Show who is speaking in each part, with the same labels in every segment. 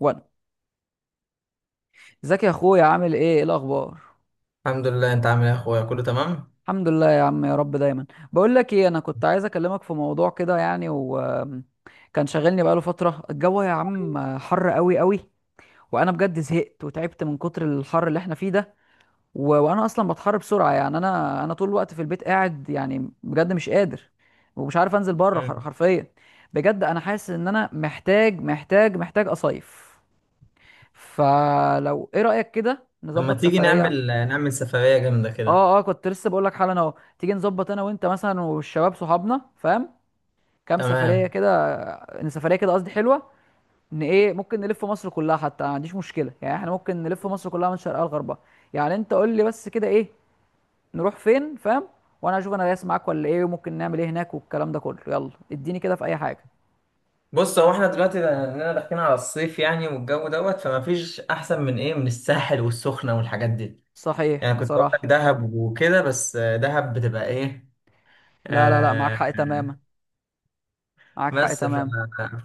Speaker 1: وانا، ازيك يا اخويا؟ عامل ايه؟ ايه الاخبار؟
Speaker 2: الحمد لله، انت عامل ايه يا اخويا؟ كله تمام.
Speaker 1: الحمد لله يا عم، يا رب دايما. بقول لك ايه، انا كنت عايز اكلمك في موضوع كده يعني، وكان شاغلني بقاله فتره. الجو يا عم حر قوي قوي، وانا بجد زهقت وتعبت من كتر الحر اللي احنا فيه ده. وانا اصلا بتحر بسرعه يعني، انا طول الوقت في البيت قاعد، يعني بجد مش قادر ومش عارف انزل بره.
Speaker 2: مم.
Speaker 1: حرفيا بجد انا حاسس ان انا محتاج محتاج محتاج اصيف. فلو ايه رايك كده
Speaker 2: لما
Speaker 1: نظبط
Speaker 2: تيجي
Speaker 1: سفريه.
Speaker 2: نعمل سفرية جامدة كده.
Speaker 1: اه اه، كنت لسه بقول لك حالا اهو. تيجي نظبط انا وانت مثلا والشباب صحابنا، فاهم، كام سفريه
Speaker 2: تمام.
Speaker 1: كده. ان سفريه كده، قصدي حلوه، ان ايه ممكن نلف مصر كلها، حتى ما عنديش مشكله يعني. احنا ممكن نلف مصر كلها من شرقها لغربها. يعني انت قول لي بس كده ايه، نروح فين، فاهم، وانا اشوف انا دايس معاك ولا ايه، وممكن نعمل ايه هناك والكلام ده كله. يلا اديني كده في اي حاجه.
Speaker 2: بص، هو احنا دلوقتي لاننا داخلين على الصيف يعني، والجو دوت، فما فيش احسن من ايه، من الساحل والسخنة والحاجات دي.
Speaker 1: صحيح
Speaker 2: يعني كنت اقول لك
Speaker 1: بصراحه.
Speaker 2: دهب وكده، بس دهب بتبقى ايه.
Speaker 1: لا لا لا، معاك
Speaker 2: آه.
Speaker 1: حق تماما. معاك حق
Speaker 2: بس
Speaker 1: تماما.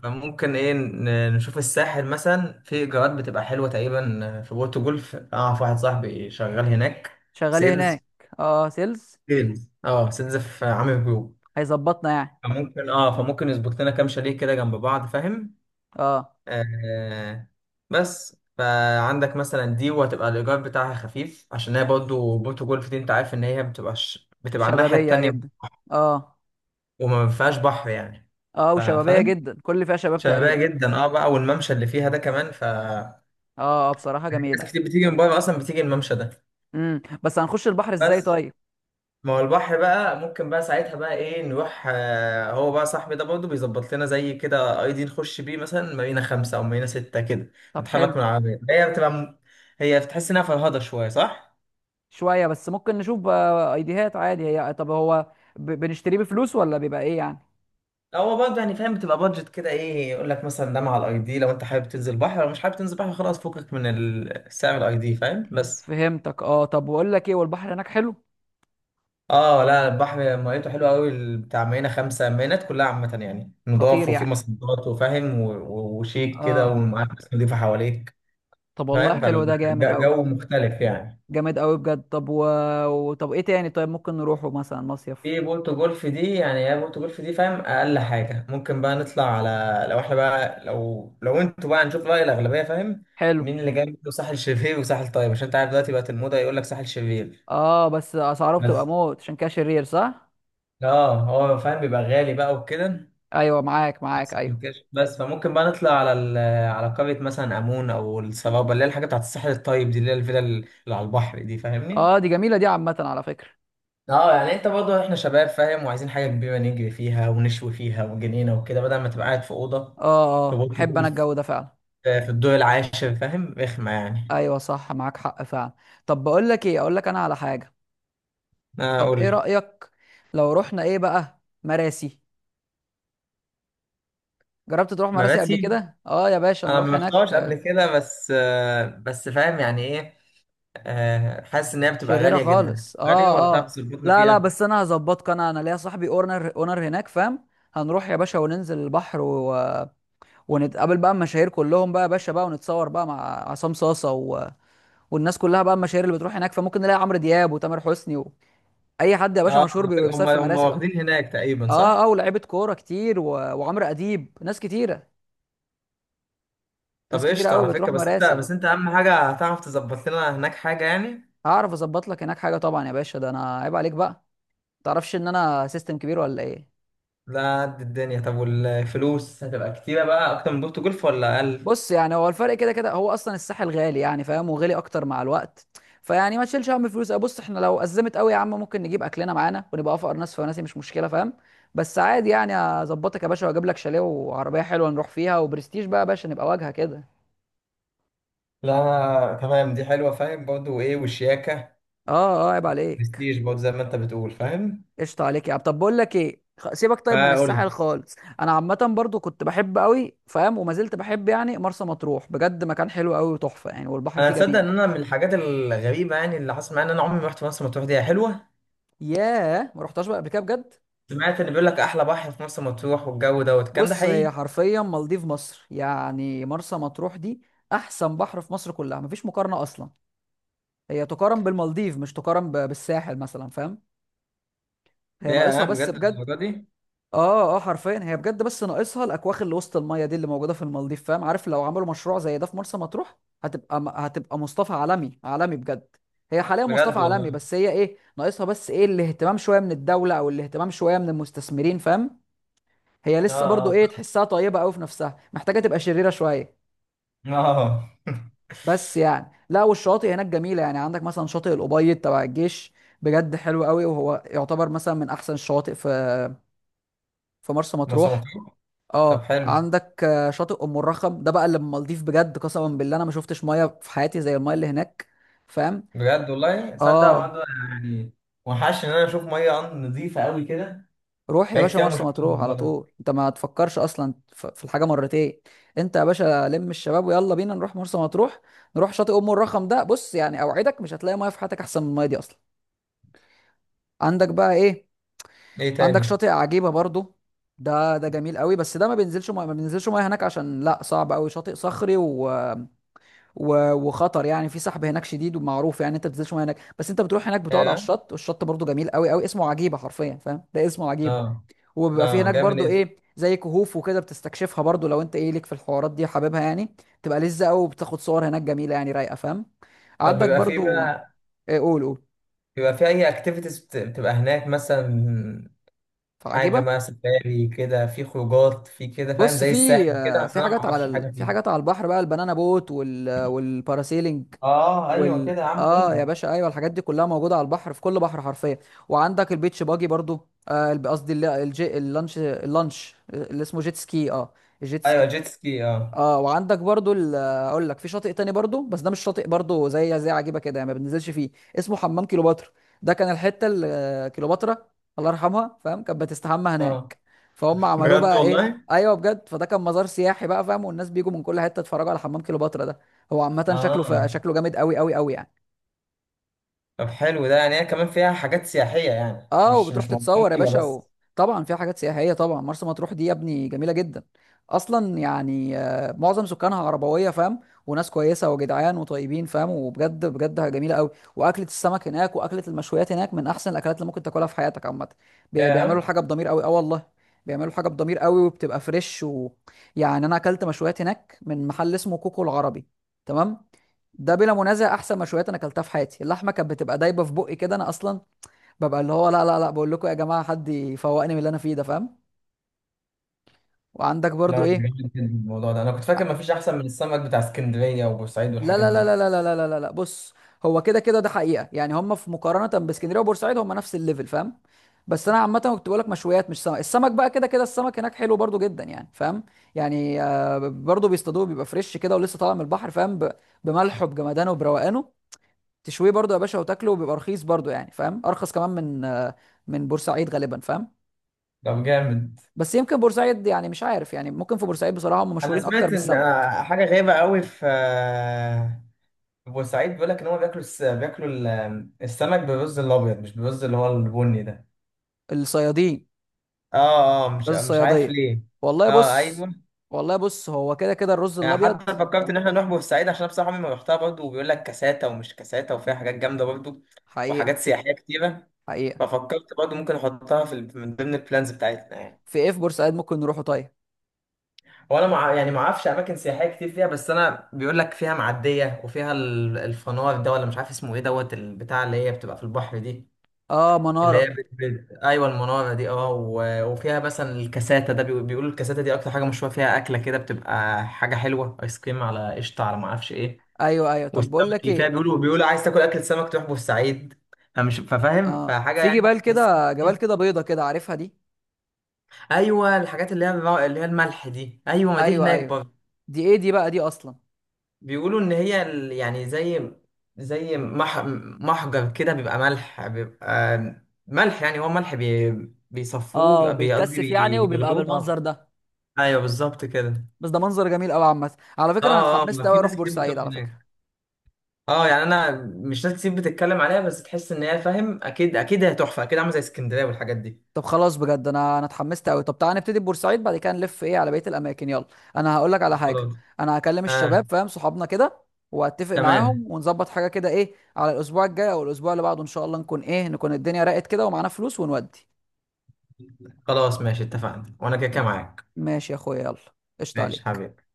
Speaker 2: فممكن ايه نشوف الساحل مثلا، في ايجارات بتبقى حلوة تقريبا في بورتو جولف. اعرف واحد صاحبي شغال هناك.
Speaker 1: شغال إيه هناك؟
Speaker 2: سيلز.
Speaker 1: اه، سيلز.
Speaker 2: سيلز في عامل جروب.
Speaker 1: هيظبطنا يعني.
Speaker 2: فممكن يظبط لنا كام شاليه كده جنب بعض، فاهم؟
Speaker 1: اه.
Speaker 2: آه. بس فعندك مثلا دي، وهتبقى الايجار بتاعها خفيف، عشان هي برضه بورتو جولف دي، انت عارف ان هي بتبقى على الناحيه
Speaker 1: شبابيه جدا.
Speaker 2: التانيه.
Speaker 1: اه
Speaker 2: وما فيهاش بحر يعني.
Speaker 1: اه، وشبابيه
Speaker 2: فاهم؟
Speaker 1: جدا، كل اللي فيها شباب تقريبا.
Speaker 2: شبابيه جدا، اه بقى، والممشى اللي فيها ده كمان
Speaker 1: اه اه، بصراحه جميله.
Speaker 2: ناس كتير بتيجي من بره اصلا، بتيجي الممشى ده.
Speaker 1: بس هنخش البحر ازاي
Speaker 2: بس.
Speaker 1: طيب؟
Speaker 2: ما هو البحر بقى، ممكن بقى ساعتها بقى ايه نروح، هو بقى صاحبي ده برضه بيظبط لنا زي كده اي دي، نخش بيه مثلا مارينا خمسة او مارينا ستة كده.
Speaker 1: طب
Speaker 2: نتحرك
Speaker 1: حلو.
Speaker 2: من العربية، هي بتبقى هي بتحس انها فرهضة شوية، صح؟
Speaker 1: شويه بس ممكن نشوف. ايديهات عادي هي. طب هو بنشتريه بفلوس ولا بيبقى ايه يعني؟
Speaker 2: هو برضه يعني، فاهم، بتبقى بادجت كده، ايه، يقول لك مثلا ده مع الاي دي، لو انت حابب تنزل بحر، لو مش حابب تنزل بحر خلاص، فكك من سعر الاي دي، فاهم؟ بس.
Speaker 1: فهمتك اه. طب بقول لك ايه، والبحر هناك حلو؟
Speaker 2: اه لا، البحر ميته حلوه قوي، بتاع مارينا خمسة، مارينات كلها عامة يعني،
Speaker 1: خطير
Speaker 2: نضاف، وفي
Speaker 1: يعني.
Speaker 2: مصدات، وفاهم، وشيك كده،
Speaker 1: اه.
Speaker 2: ومعاك ناس نضيفة حواليك.
Speaker 1: طب والله
Speaker 2: فاهم،
Speaker 1: حلو، ده جامد قوي.
Speaker 2: فالجو مختلف يعني.
Speaker 1: جامد قوي بجد. طب ايه تاني طيب؟ ممكن نروحه مثلا مصيف؟
Speaker 2: في بولتو جولف دي يعني، هي بولتو جولف دي فاهم، اقل حاجه ممكن بقى نطلع على، لو احنا بقى، لو انتوا بقى، هنشوف راي الاغلبيه، فاهم؟
Speaker 1: حلو.
Speaker 2: مين اللي جاي منه، ساحل شرير وساحل طيب، عشان انت عارف دلوقتي بقت الموضه يقول لك ساحل شرير.
Speaker 1: اه، بس اسعاره بتبقى
Speaker 2: بس.
Speaker 1: موت، عشان كده شرير صح.
Speaker 2: اه، هو فاهم بيبقى غالي بقى وكده.
Speaker 1: ايوه معاك معاك
Speaker 2: بس
Speaker 1: ايوه.
Speaker 2: ممكنش- بس فممكن بقى نطلع على على قريه مثلا، امون او السرابه، اللي هي الحاجه بتاعت الساحل الطيب دي، اللي هي الفيلا اللي على البحر دي، فاهمني؟
Speaker 1: اه دي جميله، دي عامه على فكره.
Speaker 2: اه، يعني انت برضه، احنا شباب، فاهم، وعايزين حاجه كبيره نجري فيها ونشوي فيها، وجنينه وكده، بدل ما تبقى قاعد في اوضه.
Speaker 1: اه
Speaker 2: في
Speaker 1: اه،
Speaker 2: برج
Speaker 1: احب انا
Speaker 2: جولف.
Speaker 1: الجو ده فعلا.
Speaker 2: في الدور العاشر، فاهم، رخمه يعني.
Speaker 1: ايوه صح، معاك حق فعلا. طب بقول لك ايه، اقول لك انا على حاجه.
Speaker 2: انا
Speaker 1: طب
Speaker 2: اقول
Speaker 1: ايه
Speaker 2: لك.
Speaker 1: رايك لو رحنا ايه بقى، مراسي؟ جربت تروح مراسي قبل
Speaker 2: مراسي.
Speaker 1: كده؟ اه يا باشا
Speaker 2: انا
Speaker 1: نروح
Speaker 2: ما رحتهاش قبل
Speaker 1: هناك.
Speaker 2: كده، بس فاهم يعني، ايه. حاسس ان هي بتبقى
Speaker 1: شريره
Speaker 2: غاليه جدا
Speaker 1: خالص
Speaker 2: غاليه، ولا
Speaker 1: اه
Speaker 2: تعرف
Speaker 1: اه.
Speaker 2: تظبطنا
Speaker 1: لا لا،
Speaker 2: فيها؟
Speaker 1: بس انا هظبطك، انا انا ليا صاحبي اونر اونر هناك، فاهم. هنروح يا باشا وننزل البحر. ونتقابل بقى المشاهير كلهم بقى يا باشا بقى، ونتصور بقى مع عصام صاصه. والناس كلها بقى، المشاهير اللي بتروح هناك، فممكن نلاقي عمرو دياب وتامر حسني. اي حد يا
Speaker 2: اه،
Speaker 1: باشا مشهور
Speaker 2: على فكرة هم
Speaker 1: بيصيف في
Speaker 2: هم
Speaker 1: مراسي.
Speaker 2: واخدين هناك تقريبا،
Speaker 1: اه اه،
Speaker 2: صح؟
Speaker 1: ولاعيبه كوره كتير. وعمرو اديب، ناس كتيره. ناس
Speaker 2: طب
Speaker 1: كتيره
Speaker 2: قشطه
Speaker 1: قوي
Speaker 2: على فكره،
Speaker 1: بتروح
Speaker 2: بس انت
Speaker 1: مراسي.
Speaker 2: بس انت اهم حاجه، هتعرف تظبط لنا هناك حاجه يعني.
Speaker 1: هعرف اظبط لك هناك حاجه طبعا يا باشا، ده انا عيب عليك بقى. تعرفش ان انا سيستم كبير ولا ايه؟
Speaker 2: لا، قد الدنيا. طب والفلوس هتبقى كتيرة بقى، أكتر من بورتو جولف ولا أقل؟
Speaker 1: بص يعني، هو الفرق كده كده، هو اصلا الساحل غالي يعني فاهم، وغالي اكتر مع الوقت. فيعني ما تشيلش هم الفلوس. بص، احنا لو ازمت قوي يا عم، ممكن نجيب اكلنا معانا ونبقى افقر ناس، فناسي مش مشكله، فاهم. بس عادي يعني، اظبطك يا باشا، واجيب لك شاليه وعربيه حلوه نروح فيها، وبرستيج بقى يا باشا، نبقى واجهه كده.
Speaker 2: لا، أنا تمام، دي حلوة فاهم، برضه إيه والشياكة.
Speaker 1: اه اه، عيب عليك.
Speaker 2: برستيج برضه، زي ما أنت بتقول، فاهم؟
Speaker 1: قشطة عليك يا عم. طب بقول لك ايه، سيبك طيب من
Speaker 2: فقول
Speaker 1: الساحل
Speaker 2: لي.
Speaker 1: خالص. انا عامة برضو كنت بحب قوي، فاهم، وما زلت بحب يعني، مرسى مطروح بجد مكان حلو قوي وتحفة يعني، والبحر
Speaker 2: أنا
Speaker 1: فيه
Speaker 2: تصدق
Speaker 1: جميل.
Speaker 2: إن أنا، من الحاجات الغريبة يعني اللي حصل معايا، إن أنا عمري ما رحت مرسى مطروح. دي هي حلوة؟
Speaker 1: ياه، ما رحتهاش بقى قبل كده بجد؟
Speaker 2: سمعت إن بيقول لك أحلى بحر في مرسى مطروح، والجو دوت، الكلام ده
Speaker 1: بص، هي
Speaker 2: حقيقي؟
Speaker 1: حرفيا مالديف مصر يعني، مرسى مطروح دي. احسن بحر في مصر كلها، مفيش مقارنة اصلا. هي تقارن بالمالديف، مش تقارن بالساحل مثلا، فاهم. هي
Speaker 2: يا
Speaker 1: ناقصها بس
Speaker 2: بجد،
Speaker 1: بجد.
Speaker 2: الدرجة دي؟
Speaker 1: اه اه، حرفيا هي بجد، بس ناقصها الاكواخ اللي وسط الميه دي، اللي موجوده في المالديف، فاهم. عارف لو عملوا مشروع زي ده في مرسى مطروح، هتبقى مصطفى عالمي عالمي بجد. هي حاليا مصطفى
Speaker 2: بجد
Speaker 1: عالمي،
Speaker 2: والله.
Speaker 1: بس هي ايه ناقصها، بس ايه الاهتمام شويه من الدوله او الاهتمام شويه من المستثمرين، فاهم. هي
Speaker 2: آه،
Speaker 1: لسه برضو
Speaker 2: آه.
Speaker 1: ايه، تحسها طيبه قوي في نفسها، محتاجه تبقى شريره شويه.
Speaker 2: آه.
Speaker 1: بس يعني لا، والشواطئ هناك جميله يعني. عندك مثلا شاطئ الابيض تبع الجيش، بجد حلو قوي، وهو يعتبر مثلا من احسن الشواطئ في في مرسى
Speaker 2: مرسى
Speaker 1: مطروح.
Speaker 2: مطروح. طب
Speaker 1: اه،
Speaker 2: حلو.
Speaker 1: عندك شاطئ ام الرخم ده بقى، اللي المالديف بجد. قسما بالله انا ما شفتش ميه في حياتي زي الميه اللي هناك، فاهم.
Speaker 2: بجد والله، تصدق
Speaker 1: اه.
Speaker 2: برضه. يعني، وحش ان انا اشوف ميه عند، نظيفه قوي كده.
Speaker 1: روح يا
Speaker 2: بقى
Speaker 1: باشا
Speaker 2: كتير أوي ما
Speaker 1: مرسى
Speaker 2: شفتش
Speaker 1: مطروح
Speaker 2: الموضوع
Speaker 1: على
Speaker 2: ده.
Speaker 1: طول، انت ما تفكرش اصلا في الحاجه مرتين. انت يا باشا لم الشباب ويلا بينا نروح مرسى مطروح. نروح شاطئ ام الرخم ده، بص يعني اوعدك مش هتلاقي ميه في حياتك احسن من الميه دي اصلا. عندك بقى ايه؟
Speaker 2: ايه
Speaker 1: عندك
Speaker 2: تاني؟
Speaker 1: شاطئ عجيبه برضو. ده ده جميل قوي، بس ده ما بينزلش ميه، ما بينزلش ميه هناك، عشان لا صعب قوي، شاطئ صخري وخطر يعني. في سحب هناك شديد ومعروف يعني، انت ما بتنزلش ميه هناك. بس انت بتروح هناك بتقعد على
Speaker 2: اه،
Speaker 1: الشط، والشط برضو جميل قوي قوي. اسمه عجيبه حرفيا، فاهم، ده اسمه عجيب.
Speaker 2: اه.
Speaker 1: وبيبقى في
Speaker 2: اه،
Speaker 1: هناك
Speaker 2: جامد
Speaker 1: برضو
Speaker 2: ايه.
Speaker 1: ايه زي كهوف وكده، بتستكشفها برضو لو انت ايه ليك في الحوارات دي حاببها يعني. تبقى لذة قوي، وبتاخد صور هناك جميله يعني رايقه، فاهم.
Speaker 2: طب
Speaker 1: عندك
Speaker 2: بيبقى في
Speaker 1: برضو
Speaker 2: بقى،
Speaker 1: ايه، قول قول.
Speaker 2: بيبقى في اي اكتيفيتيز بتبقى هناك مثلا؟ حاجه
Speaker 1: فعجيبه.
Speaker 2: بقى، سفاري كده، في خروجات في كده، فاهم،
Speaker 1: بص
Speaker 2: زي
Speaker 1: في.
Speaker 2: الساحل كده، اصل انا ما اعرفش حاجه
Speaker 1: في
Speaker 2: فيه.
Speaker 1: حاجات على البحر بقى، البنانا بوت والباراسيلينج
Speaker 2: اه ايوه
Speaker 1: وال
Speaker 2: كده يا عم، قول
Speaker 1: اه يا
Speaker 2: لي.
Speaker 1: باشا ايوه، الحاجات دي كلها موجوده على البحر، في كل بحر حرفيا. وعندك البيتش باجي برضو. قصدي اللانش، اللانش اللي اسمه جيت سكي اه، الجيت
Speaker 2: ايوه،
Speaker 1: سكي.
Speaker 2: جيت سكي اه.
Speaker 1: اه، وعندك برضو اقول لك في شاطئ تاني برضو، بس ده مش شاطئ برضو زي زي عجيبه كده يعني، ما بننزلش فيه. اسمه حمام كيلوباترا. ده كان الحته اللي كيلوباترا، الله يرحمها، فاهم، كانت بتستحمى
Speaker 2: اه،
Speaker 1: هناك. فهم عملوه
Speaker 2: بجد
Speaker 1: بقى ايه،
Speaker 2: والله.
Speaker 1: ايوه بجد. فده كان مزار سياحي بقى، فاهم، والناس بيجوا من كل حته يتفرجوا على حمام كيلوباترا ده. هو عامه شكله
Speaker 2: اه،
Speaker 1: شكله جامد قوي قوي قوي يعني.
Speaker 2: طب حلو ده يعني، هي
Speaker 1: بت...
Speaker 2: كمان فيها حاجات سياحيه يعني،
Speaker 1: اه،
Speaker 2: مش
Speaker 1: وبتروح
Speaker 2: مش
Speaker 1: تتصور يا
Speaker 2: موضوعية
Speaker 1: باشا
Speaker 2: بس.
Speaker 1: و... طبعا فيها حاجات سياحيه، طبعا مرسى مطروح دي يا ابني جميله جدا اصلا يعني. معظم سكانها عربويه، فاهم، وناس كويسه وجدعان وطيبين، فاهم، وبجد بجد جميله قوي. واكله السمك هناك واكله المشويات هناك من احسن الاكلات اللي ممكن تاكلها في حياتك عامه. بيعملوا
Speaker 2: ياه.
Speaker 1: الحاجه بضمير قوي اه والله. بيعملوا حاجه بضمير قوي، وبتبقى فريش. يعني انا اكلت مشويات هناك من محل اسمه كوكو العربي، تمام، ده بلا منازع احسن مشويات انا اكلتها في حياتي. اللحمه كانت بتبقى دايبه في بقي كده. انا اصلا ببقى اللي هو لا لا لا، بقول لكم يا جماعه حد يفوقني من اللي انا فيه ده، فاهم. وعندك برضو
Speaker 2: لا،
Speaker 1: ايه.
Speaker 2: جامد جدا. عن الموضوع ده، انا كنت فاكر مفيش احسن من السمك بتاع اسكندريه وبورسعيد
Speaker 1: لا
Speaker 2: والحاجات
Speaker 1: لا لا
Speaker 2: دي.
Speaker 1: لا لا لا لا لا لا لا. بص، هو كده كده ده حقيقه يعني، هم في مقارنه باسكندريه وبورسعيد هم نفس الليفل، فاهم. بس انا عامه كنت بقول لك مشويات مش سمك. السمك بقى كده كده، السمك هناك حلو برضو جدا يعني، فاهم. يعني برضو بيصطادوه، بيبقى فريش كده ولسه طالع من البحر، فاهم. بملحه بجمدانه وبروقانه، تشويه برضو يا باشا وتاكله، وبيبقى رخيص برضو يعني، فاهم، ارخص كمان من من بورسعيد غالبا، فاهم.
Speaker 2: طب جامد.
Speaker 1: بس يمكن بورسعيد يعني، مش عارف يعني، ممكن في بورسعيد بصراحه هم
Speaker 2: انا
Speaker 1: مشهورين اكتر
Speaker 2: سمعت ان
Speaker 1: بالسمك.
Speaker 2: حاجه غريبه قوي في في بورسعيد بيقول لك ان هم بياكلوا السمك بالرز الابيض، مش بالرز اللي هو البني ده.
Speaker 1: الصيادين.
Speaker 2: اه اه، مش
Speaker 1: رز
Speaker 2: مش عارف
Speaker 1: الصياديه.
Speaker 2: ليه.
Speaker 1: والله
Speaker 2: اه،
Speaker 1: بص.
Speaker 2: ايوه.
Speaker 1: والله بص، هو كده كده الرز
Speaker 2: يعني
Speaker 1: الابيض.
Speaker 2: حتى فكرت ان احنا نروح بورسعيد، عشان أنا بصراحه عمري ما رحتها برضه، وبيقول لك كاساتا ومش كاساتا، وفيها حاجات جامده برضه. وحاجات
Speaker 1: حقيقه.
Speaker 2: سياحيه كتيره.
Speaker 1: حقيقه.
Speaker 2: ففكرت برضه ممكن احطها في من ضمن البلانز بتاعتنا يعني.
Speaker 1: في ايه في بورسعيد ممكن نروحه طيب؟
Speaker 2: هو انا يعني ما اعرفش اماكن سياحيه كتير فيها، بس انا بيقول لك فيها معديه، وفيها الفنار ده، ولا مش عارف اسمه ايه، دوت البتاع اللي هي بتبقى في البحر دي.
Speaker 1: اه،
Speaker 2: اللي هي
Speaker 1: مناره.
Speaker 2: ايوه، المناره دي اه وفيها مثلا الكاساته ده بيقولوا الكاساته دي اكتر حاجه مشهوره فيها، اكله كده بتبقى حاجه حلوه، ايس كريم على قشطه على ما اعرفش ايه.
Speaker 1: ايوه ايوه، طب
Speaker 2: والسمك
Speaker 1: بقول لك
Speaker 2: اللي فيها
Speaker 1: ايه.
Speaker 2: بيقولوا، عايز تاكل اكل سمك تروح بورسعيد. فمش ففاهم،
Speaker 1: اه،
Speaker 2: فحاجه
Speaker 1: في
Speaker 2: يعني
Speaker 1: جبال
Speaker 2: تحس.
Speaker 1: كده، جبال كده بيضه كده، عارفها دي؟
Speaker 2: ايوه، الحاجات اللي هي الملح دي، ايوه، ما دي
Speaker 1: ايوه
Speaker 2: هناك
Speaker 1: ايوه.
Speaker 2: برضه.
Speaker 1: دي ايه دي بقى دي اصلا؟
Speaker 2: بيقولوا ان هي يعني، زي محجر كده، بيبقى ملح، بيبقى ملح يعني، هو ملح بيصفوه،
Speaker 1: اه،
Speaker 2: بيبقى
Speaker 1: بيتكثف يعني وبيبقى
Speaker 2: بيغلوه،
Speaker 1: بالمنظر
Speaker 2: اه.
Speaker 1: ده.
Speaker 2: ايوه، بالظبط كده.
Speaker 1: بس ده منظر جميل قوي عامه. على فكره انا
Speaker 2: اه اه،
Speaker 1: اتحمست
Speaker 2: ما
Speaker 1: قوي
Speaker 2: في
Speaker 1: اروح
Speaker 2: ناس كتير
Speaker 1: بورسعيد
Speaker 2: بتروح
Speaker 1: على
Speaker 2: هناك.
Speaker 1: فكره.
Speaker 2: اه، يعني انا مش ناس كتير بتتكلم عليها، بس تحس ان هي فاهم، اكيد اكيد هي تحفه، اكيد عامله زي اسكندريه والحاجات دي.
Speaker 1: طب خلاص بجد انا انا اتحمست قوي. طب تعالى نبتدي ببورسعيد، بعد كده نلف ايه على بقيه الاماكن، يلا. انا هقول لك على حاجه.
Speaker 2: خلاص،
Speaker 1: انا هكلم
Speaker 2: اه،
Speaker 1: الشباب، فاهم، صحابنا كده، واتفق
Speaker 2: تمام.
Speaker 1: معاهم ونظبط حاجه كده ايه على الاسبوع الجاي او الاسبوع اللي بعده، ان شاء الله نكون ايه، نكون الدنيا راقت كده ومعانا فلوس، ونودي.
Speaker 2: خلاص ماشي، اتفقنا، وانا كده كده معاك.
Speaker 1: ماشي يا اخويا يلا، قشطه
Speaker 2: ماشي
Speaker 1: عليك.
Speaker 2: حبيبي.